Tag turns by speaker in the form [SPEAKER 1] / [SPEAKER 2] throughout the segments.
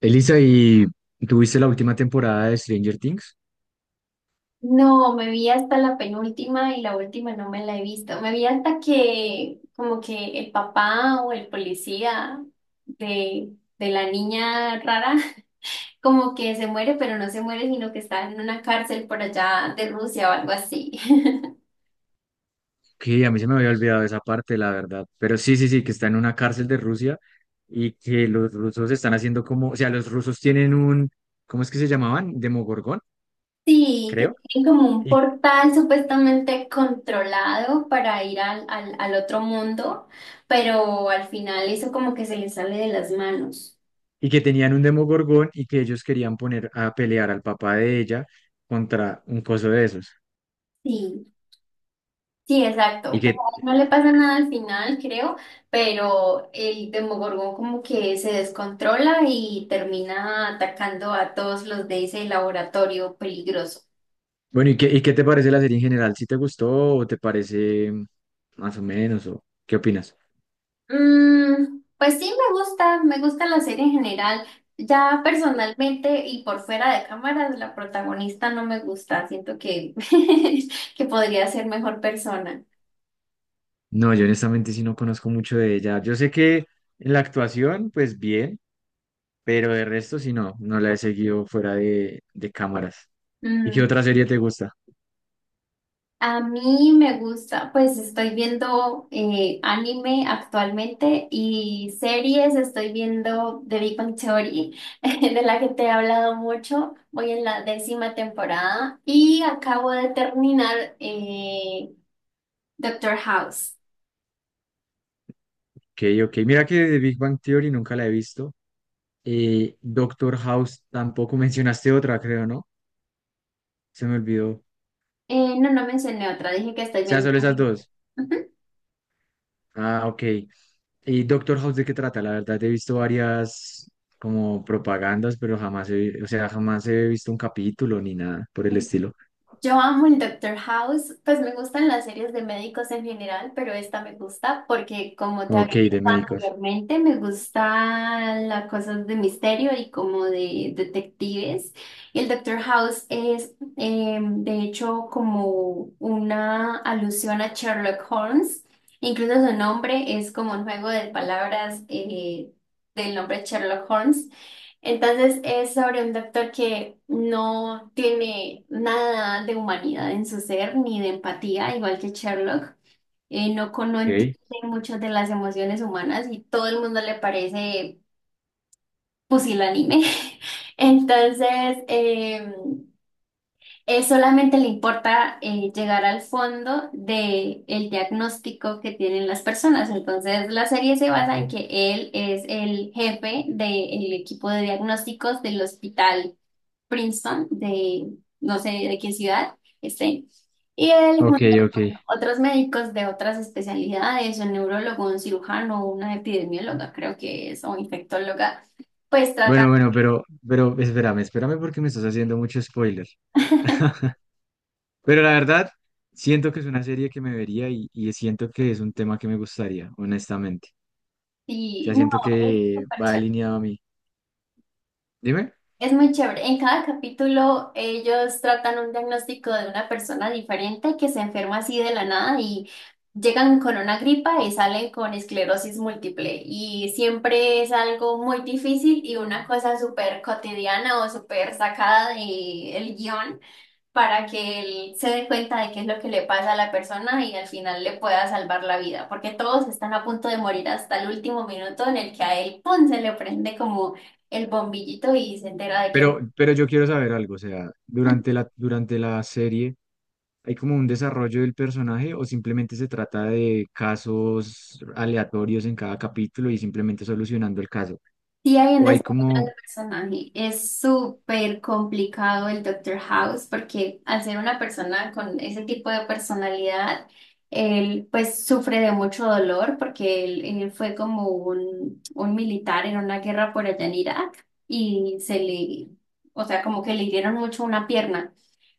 [SPEAKER 1] Elisa, ¿y tuviste la última temporada de Stranger Things?
[SPEAKER 2] No, me vi hasta la penúltima y la última no me la he visto. Me vi hasta que como que el papá o el policía de la niña rara como que se muere, pero no se muere, sino que está en una cárcel por allá de Rusia o algo así.
[SPEAKER 1] Que a mí se me había olvidado esa parte, la verdad. Pero sí, sí, sí, que está en una cárcel de Rusia y que los rusos están haciendo como, o sea, los rusos tienen un, ¿cómo es que se llamaban? Demogorgón,
[SPEAKER 2] Sí, que
[SPEAKER 1] creo.
[SPEAKER 2] tienen como un
[SPEAKER 1] Y,
[SPEAKER 2] portal supuestamente controlado para ir al otro mundo, pero al final eso como que se les sale de las manos.
[SPEAKER 1] y que tenían un Demogorgón y que ellos querían poner a pelear al papá de ella contra un coso de esos.
[SPEAKER 2] Sí. Sí,
[SPEAKER 1] Y
[SPEAKER 2] exacto. Pues a
[SPEAKER 1] que,
[SPEAKER 2] él no le pasa nada al final, creo, pero el Demogorgón como que se descontrola y termina atacando a todos los de ese laboratorio peligroso.
[SPEAKER 1] bueno, y qué te parece la serie en general? ¿Si te gustó o te parece más o menos? ¿O qué opinas?
[SPEAKER 2] Mm, pues sí, me gusta la serie en general. Ya personalmente y por fuera de cámaras, la protagonista no me gusta. Siento que, que podría ser mejor persona.
[SPEAKER 1] No, yo honestamente sí no conozco mucho de ella. Yo sé que en la actuación, pues bien, pero de resto sí no, no la he seguido fuera de cámaras. ¿Y qué
[SPEAKER 2] Mm.
[SPEAKER 1] otra serie te gusta?
[SPEAKER 2] A mí me gusta, pues estoy viendo anime actualmente y series, estoy viendo The Big Bang Theory, de la que te he hablado mucho, voy en la 10.ª temporada y acabo de terminar Doctor House.
[SPEAKER 1] Ok, ok. Mira que The Big Bang Theory nunca la he visto. Doctor House tampoco mencionaste otra, creo, ¿no? Se me olvidó. O
[SPEAKER 2] No, no mencioné otra, dije que estoy
[SPEAKER 1] sea,
[SPEAKER 2] viendo.
[SPEAKER 1] solo esas dos. Ah, ok. ¿Y Doctor House de qué trata? La verdad, he visto varias como propagandas, pero jamás he, o sea, jamás he visto un capítulo ni nada por el estilo.
[SPEAKER 2] Yo amo el Doctor House, pues me gustan las series de médicos en general, pero esta me gusta porque como te
[SPEAKER 1] Ok,
[SPEAKER 2] había dicho
[SPEAKER 1] de médicos.
[SPEAKER 2] anteriormente, me gustan las cosas de misterio y como de detectives. Y el Doctor House es de hecho como una alusión a Sherlock Holmes, incluso su nombre es como un juego de palabras del nombre Sherlock Holmes. Entonces es sobre un doctor que no tiene nada de humanidad en su ser ni de empatía, igual que Sherlock. No, no entiende
[SPEAKER 1] Ok.
[SPEAKER 2] muchas de las emociones humanas y todo el mundo le parece pusilánime. Entonces él solamente le importa llegar al fondo del diagnóstico que tienen las personas. Entonces la serie se basa en que él es el jefe del equipo de diagnósticos del hospital Princeton, de no sé de qué ciudad, este, y él
[SPEAKER 1] Ok,
[SPEAKER 2] junto
[SPEAKER 1] ok.
[SPEAKER 2] a otros médicos de otras especialidades, un neurólogo, un cirujano, una epidemióloga, creo que es, o infectóloga, pues
[SPEAKER 1] Bueno,
[SPEAKER 2] tratan,
[SPEAKER 1] bueno, pero espérame, espérame porque me estás haciendo mucho spoiler. Pero la verdad, siento que es una serie que me vería y siento que es un tema que me gustaría, honestamente. O
[SPEAKER 2] y
[SPEAKER 1] sea,
[SPEAKER 2] no,
[SPEAKER 1] siento
[SPEAKER 2] es
[SPEAKER 1] que
[SPEAKER 2] súper.
[SPEAKER 1] va alineado a mí. Dime.
[SPEAKER 2] Es muy chévere. En cada capítulo ellos tratan un diagnóstico de una persona diferente que se enferma así de la nada y llegan con una gripa y salen con esclerosis múltiple. Y siempre es algo muy difícil y una cosa súper cotidiana o súper sacada del guión para que él se dé cuenta de qué es lo que le pasa a la persona y al final le pueda salvar la vida, porque todos están a punto de morir hasta el último minuto en el que a él, ¡pum!, se le prende como el bombillito y se entera de que
[SPEAKER 1] Pero yo quiero saber algo, o sea, durante durante la serie, ¿hay como un desarrollo del personaje o simplemente se trata de casos aleatorios en cada capítulo y simplemente solucionando el caso?
[SPEAKER 2] sí hay un
[SPEAKER 1] ¿O hay
[SPEAKER 2] destino
[SPEAKER 1] como...
[SPEAKER 2] personaje. Es súper complicado el Doctor House porque al ser una persona con ese tipo de personalidad, él pues sufre de mucho dolor porque él fue como un militar en una guerra por allá en Irak y se le, o sea, como que le hirieron mucho una pierna.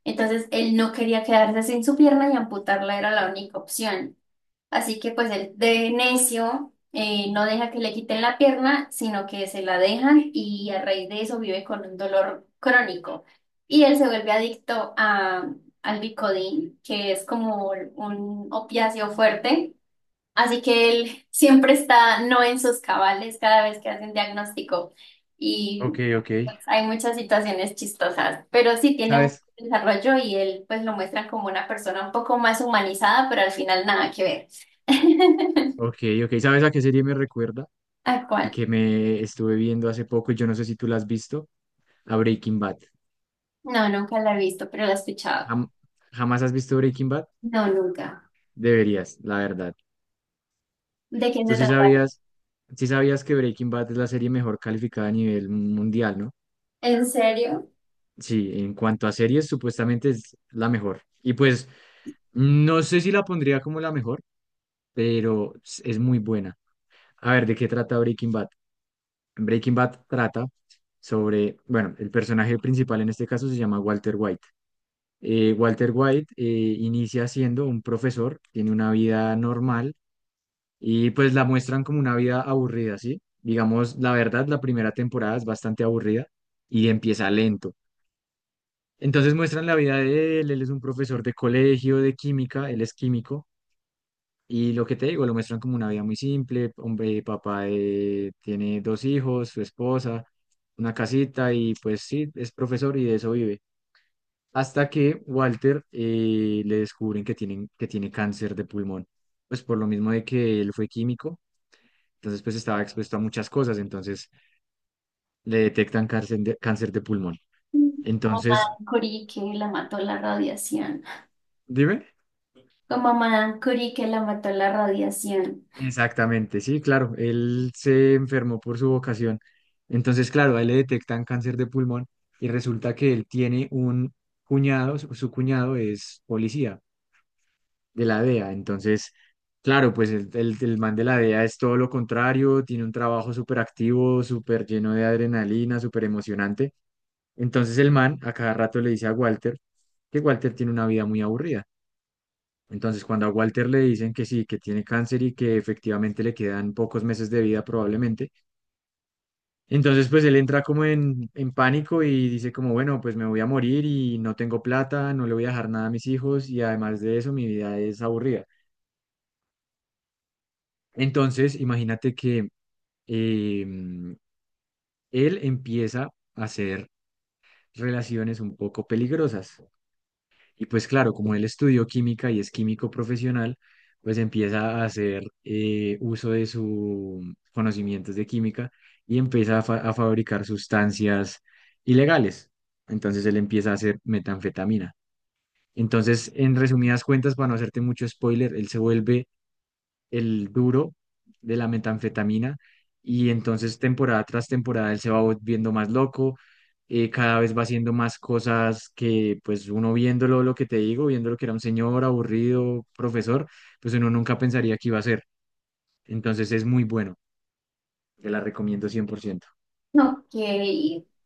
[SPEAKER 2] Entonces él no quería quedarse sin su pierna y amputarla era la única opción. Así que pues el de necio no deja que le quiten la pierna, sino que se la dejan y a raíz de eso vive con un dolor crónico. Y él se vuelve adicto al Vicodin, que es como un opiáceo fuerte. Así que él siempre está no en sus cabales cada vez que hacen diagnóstico y
[SPEAKER 1] Ok, ok.
[SPEAKER 2] pues, hay muchas situaciones chistosas, pero sí tiene un
[SPEAKER 1] ¿Sabes?
[SPEAKER 2] desarrollo y él pues lo muestra como una persona un poco más humanizada, pero al final nada que ver.
[SPEAKER 1] Ok, ok, ¿sabes a qué serie me recuerda?
[SPEAKER 2] ¿A
[SPEAKER 1] Y
[SPEAKER 2] cuál?
[SPEAKER 1] que me estuve viendo hace poco, y yo no sé si tú la has visto, a Breaking Bad.
[SPEAKER 2] No, nunca la he visto, pero la he escuchado.
[SPEAKER 1] Jam- ¿Jamás has visto Breaking Bad?
[SPEAKER 2] No, nunca.
[SPEAKER 1] Deberías, la verdad.
[SPEAKER 2] ¿De quién
[SPEAKER 1] Tú
[SPEAKER 2] se trata?
[SPEAKER 1] sí sabías que Breaking Bad es la serie mejor calificada a nivel mundial, ¿no?
[SPEAKER 2] ¿En serio?
[SPEAKER 1] Sí, en cuanto a series, supuestamente es la mejor. Y pues, no sé si la pondría como la mejor, pero es muy buena. A ver, ¿de qué trata Breaking Bad? Breaking Bad trata sobre, bueno, el personaje principal en este caso se llama Walter White Walter White, inicia siendo un profesor, tiene una vida normal y pues la muestran como una vida aburrida, ¿sí? Digamos, la verdad, la primera temporada es bastante aburrida y empieza lento. Entonces muestran la vida de él, él es un profesor de colegio, de química, él es químico y lo que te digo, lo muestran como una vida muy simple, hombre, tiene dos hijos, su esposa, una casita y pues sí, es profesor y de eso vive. Hasta que Walter, le descubren que, tienen, que tiene cáncer de pulmón. Pues por lo mismo de que él fue químico, entonces pues estaba expuesto a muchas cosas, entonces le detectan cáncer de pulmón.
[SPEAKER 2] Como
[SPEAKER 1] Entonces,
[SPEAKER 2] Madame Curie que la mató la radiación.
[SPEAKER 1] dime.
[SPEAKER 2] Como Madame Curie que la mató la radiación.
[SPEAKER 1] Exactamente, sí, claro, él se enfermó por su vocación. Entonces, claro, a él le detectan cáncer de pulmón y resulta que él tiene un cuñado, su cuñado es policía. De la DEA. Entonces, claro, pues el man de la DEA es todo lo contrario, tiene un trabajo súper activo, súper lleno de adrenalina, súper emocionante. Entonces el man a cada rato le dice a Walter que Walter tiene una vida muy aburrida. Entonces, cuando a Walter le dicen que sí, que tiene cáncer y que efectivamente le quedan pocos meses de vida probablemente, entonces pues él entra como en pánico y dice como, bueno, pues me voy a morir y no tengo plata, no le voy a dejar nada a mis hijos y además de eso mi vida es aburrida. Entonces, imagínate que em, él empieza a hacer relaciones un poco peligrosas. Y pues claro, como él estudió química y es químico profesional, pues empieza a hacer, uso de sus conocimientos de química y empieza a, a fabricar sustancias ilegales. Entonces él empieza a hacer metanfetamina. Entonces, en resumidas cuentas, para no hacerte mucho spoiler, él se vuelve el duro de la metanfetamina y entonces temporada tras temporada él se va volviendo más loco, cada vez va haciendo más cosas que pues uno viéndolo, lo que te digo, viéndolo que era un señor aburrido, profesor, pues uno nunca pensaría que iba a ser. Entonces es muy bueno, te la recomiendo cien por ciento.
[SPEAKER 2] Ok,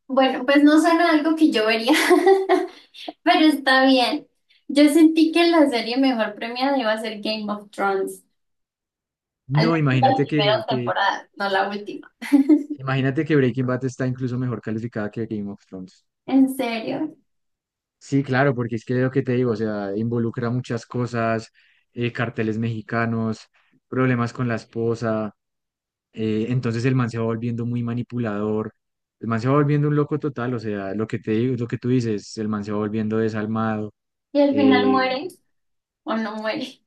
[SPEAKER 2] bueno, pues no suena algo que yo vería, pero está bien. Yo sentí que la serie mejor premiada iba a ser Game of Thrones, al
[SPEAKER 1] No,
[SPEAKER 2] menos la
[SPEAKER 1] imagínate
[SPEAKER 2] primera temporada, no la última.
[SPEAKER 1] imagínate que Breaking Bad está incluso mejor calificada que Game of Thrones.
[SPEAKER 2] ¿En serio?
[SPEAKER 1] Sí, claro, porque es que lo que te digo, o sea, involucra muchas cosas, carteles mexicanos, problemas con la esposa, entonces el man se va volviendo muy manipulador, el man se va volviendo un loco total, o sea, lo que te digo, lo que tú dices, el man se va volviendo desalmado.
[SPEAKER 2] ¿Y al final
[SPEAKER 1] eh,
[SPEAKER 2] muere o no muere?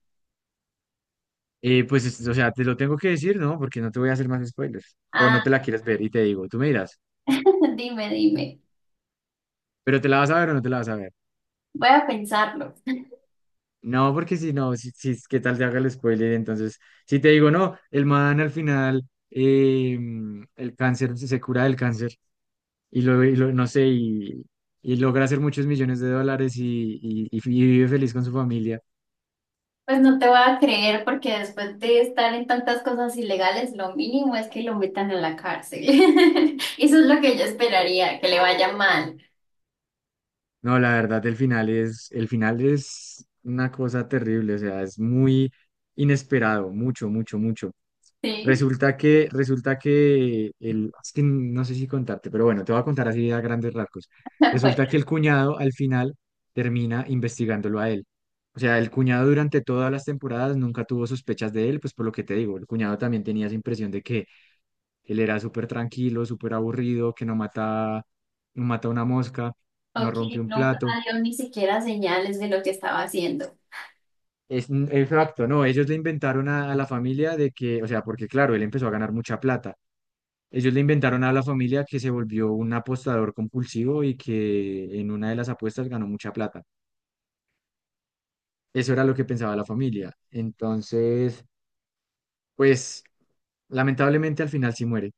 [SPEAKER 1] pues, o sea, te lo tengo que decir, ¿no? Porque no te voy a hacer más spoilers, o no
[SPEAKER 2] Ah,
[SPEAKER 1] te la quieres ver y te digo, tú me dirás,
[SPEAKER 2] dime, dime.
[SPEAKER 1] pero ¿te la vas a ver o no te la vas a ver?
[SPEAKER 2] Voy a pensarlo.
[SPEAKER 1] No, porque si no, si, si es que tal te haga el spoiler, entonces, si te digo, no, el man al final, el cáncer, se cura del cáncer no sé, y logra hacer muchos millones de dólares y vive feliz con su familia.
[SPEAKER 2] Pues no te voy a creer porque después de estar en tantas cosas ilegales, lo mínimo es que lo metan en la cárcel. Eso es lo que yo esperaría, que le vaya mal.
[SPEAKER 1] No, la verdad, el final es una cosa terrible, o sea, es muy inesperado, mucho, mucho, mucho.
[SPEAKER 2] Sí,
[SPEAKER 1] Resulta que el, es que no sé si contarte, pero bueno, te voy a contar así a grandes rasgos.
[SPEAKER 2] bueno.
[SPEAKER 1] Resulta que el cuñado al final termina investigándolo a él. O sea, el cuñado durante todas las temporadas nunca tuvo sospechas de él, pues por lo que te digo, el cuñado también tenía esa impresión de que él era súper tranquilo, súper aburrido, que no mata, no mata una mosca, no
[SPEAKER 2] Ok,
[SPEAKER 1] rompe un
[SPEAKER 2] nunca
[SPEAKER 1] plato.
[SPEAKER 2] dio ni siquiera señales de lo que estaba haciendo.
[SPEAKER 1] Es, exacto, no, ellos le inventaron a la familia de que, o sea, porque claro, él empezó a ganar mucha plata. Ellos le inventaron a la familia que se volvió un apostador compulsivo y que en una de las apuestas ganó mucha plata. Eso era lo que pensaba la familia. Entonces, pues lamentablemente al final sí muere,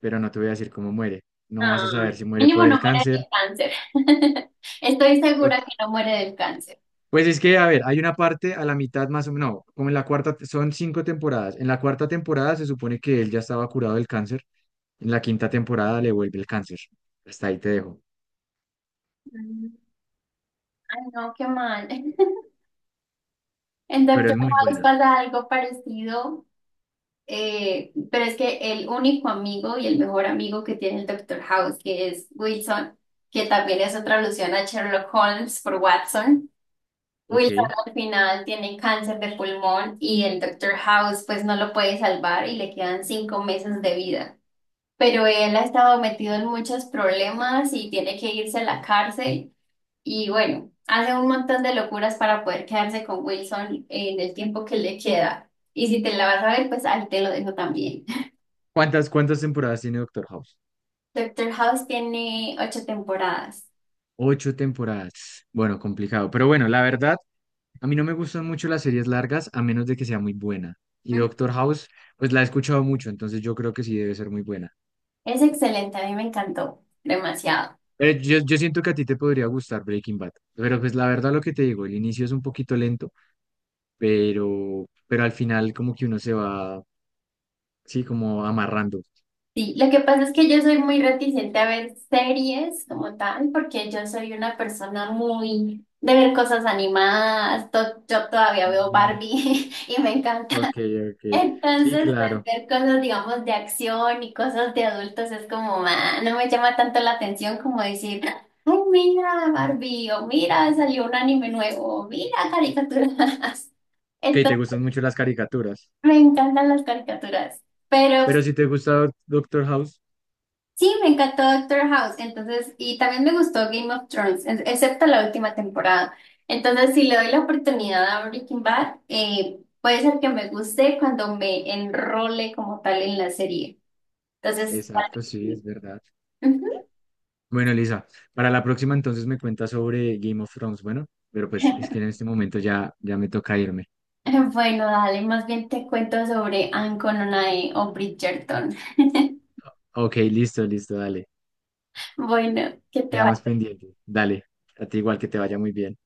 [SPEAKER 1] pero no te voy a decir cómo muere. No vas a saber
[SPEAKER 2] Ay,
[SPEAKER 1] si muere
[SPEAKER 2] mínimo
[SPEAKER 1] por el
[SPEAKER 2] no muere
[SPEAKER 1] cáncer.
[SPEAKER 2] del cáncer. Estoy
[SPEAKER 1] o-
[SPEAKER 2] segura que no muere del cáncer.
[SPEAKER 1] Pues es que, a ver, hay una parte a la mitad más o menos, no, como en la cuarta, son cinco temporadas. En la cuarta temporada se supone que él ya estaba curado del cáncer. En la quinta temporada le vuelve el cáncer. Hasta ahí te dejo.
[SPEAKER 2] Mm. Ay, no, qué mal. En
[SPEAKER 1] Pero
[SPEAKER 2] Doctor
[SPEAKER 1] es muy
[SPEAKER 2] House
[SPEAKER 1] buena,
[SPEAKER 2] pasa algo parecido, pero es que el único amigo y el mejor amigo que tiene el Doctor House, que es Wilson, que también es otra alusión a Sherlock Holmes por Watson. Wilson
[SPEAKER 1] ¿ok?
[SPEAKER 2] al final tiene cáncer de pulmón y el Doctor House pues no lo puede salvar y le quedan 5 meses de vida. Pero él ha estado metido en muchos problemas y tiene que irse a la cárcel y bueno, hace un montón de locuras para poder quedarse con Wilson en el tiempo que le queda. Y si te la vas a ver, pues ahí te lo dejo también.
[SPEAKER 1] ¿Cuántas, cuántas temporadas tiene Doctor House?
[SPEAKER 2] Doctor House tiene 8 temporadas.
[SPEAKER 1] Ocho temporadas. Bueno, complicado. Pero bueno, la verdad, a mí no me gustan mucho las series largas a menos de que sea muy buena. Y
[SPEAKER 2] Mm.
[SPEAKER 1] Doctor House, pues la he escuchado mucho, entonces yo creo que sí debe ser muy buena.
[SPEAKER 2] Es excelente, a mí me encantó demasiado.
[SPEAKER 1] Pero yo siento que a ti te podría gustar Breaking Bad. Pero pues la verdad lo que te digo, el inicio es un poquito lento, pero al final como que uno se va, sí, como amarrando.
[SPEAKER 2] Sí, lo que pasa es que yo soy muy reticente a ver series como tal, porque yo soy una persona muy de ver cosas animadas. Yo todavía veo
[SPEAKER 1] Mm,
[SPEAKER 2] Barbie y me encanta.
[SPEAKER 1] ok, ok. Sí,
[SPEAKER 2] Entonces, pues,
[SPEAKER 1] claro.
[SPEAKER 2] ver cosas, digamos, de acción y cosas de adultos es como, ah, no me llama tanto la atención como decir, ay, mira Barbie, o mira, salió un anime nuevo, o mira caricaturas.
[SPEAKER 1] Ok, te
[SPEAKER 2] Entonces,
[SPEAKER 1] gustan mucho las caricaturas.
[SPEAKER 2] me encantan las caricaturas. Pero
[SPEAKER 1] Pero si te gusta Doctor House,
[SPEAKER 2] sí, me encantó Doctor House, entonces, y también me gustó Game of Thrones, excepto la última temporada. Entonces, si le doy la oportunidad a Breaking Bad, puede ser que me guste cuando me enrole como tal en la serie. Entonces, tal vez
[SPEAKER 1] exacto, sí, es
[SPEAKER 2] sí.
[SPEAKER 1] verdad.
[SPEAKER 2] Ujú.
[SPEAKER 1] Bueno, Elisa, para la próxima entonces me cuentas sobre Game of Thrones, bueno, pero pues es que en este momento ya, ya me toca irme.
[SPEAKER 2] Bueno, dale, más bien te cuento sobre Anne Cononay o Bridgerton.
[SPEAKER 1] Ok, listo, listo, dale.
[SPEAKER 2] Bueno, que te
[SPEAKER 1] Quedamos
[SPEAKER 2] vaya.
[SPEAKER 1] pendientes. Dale, a ti igual que te vaya muy bien.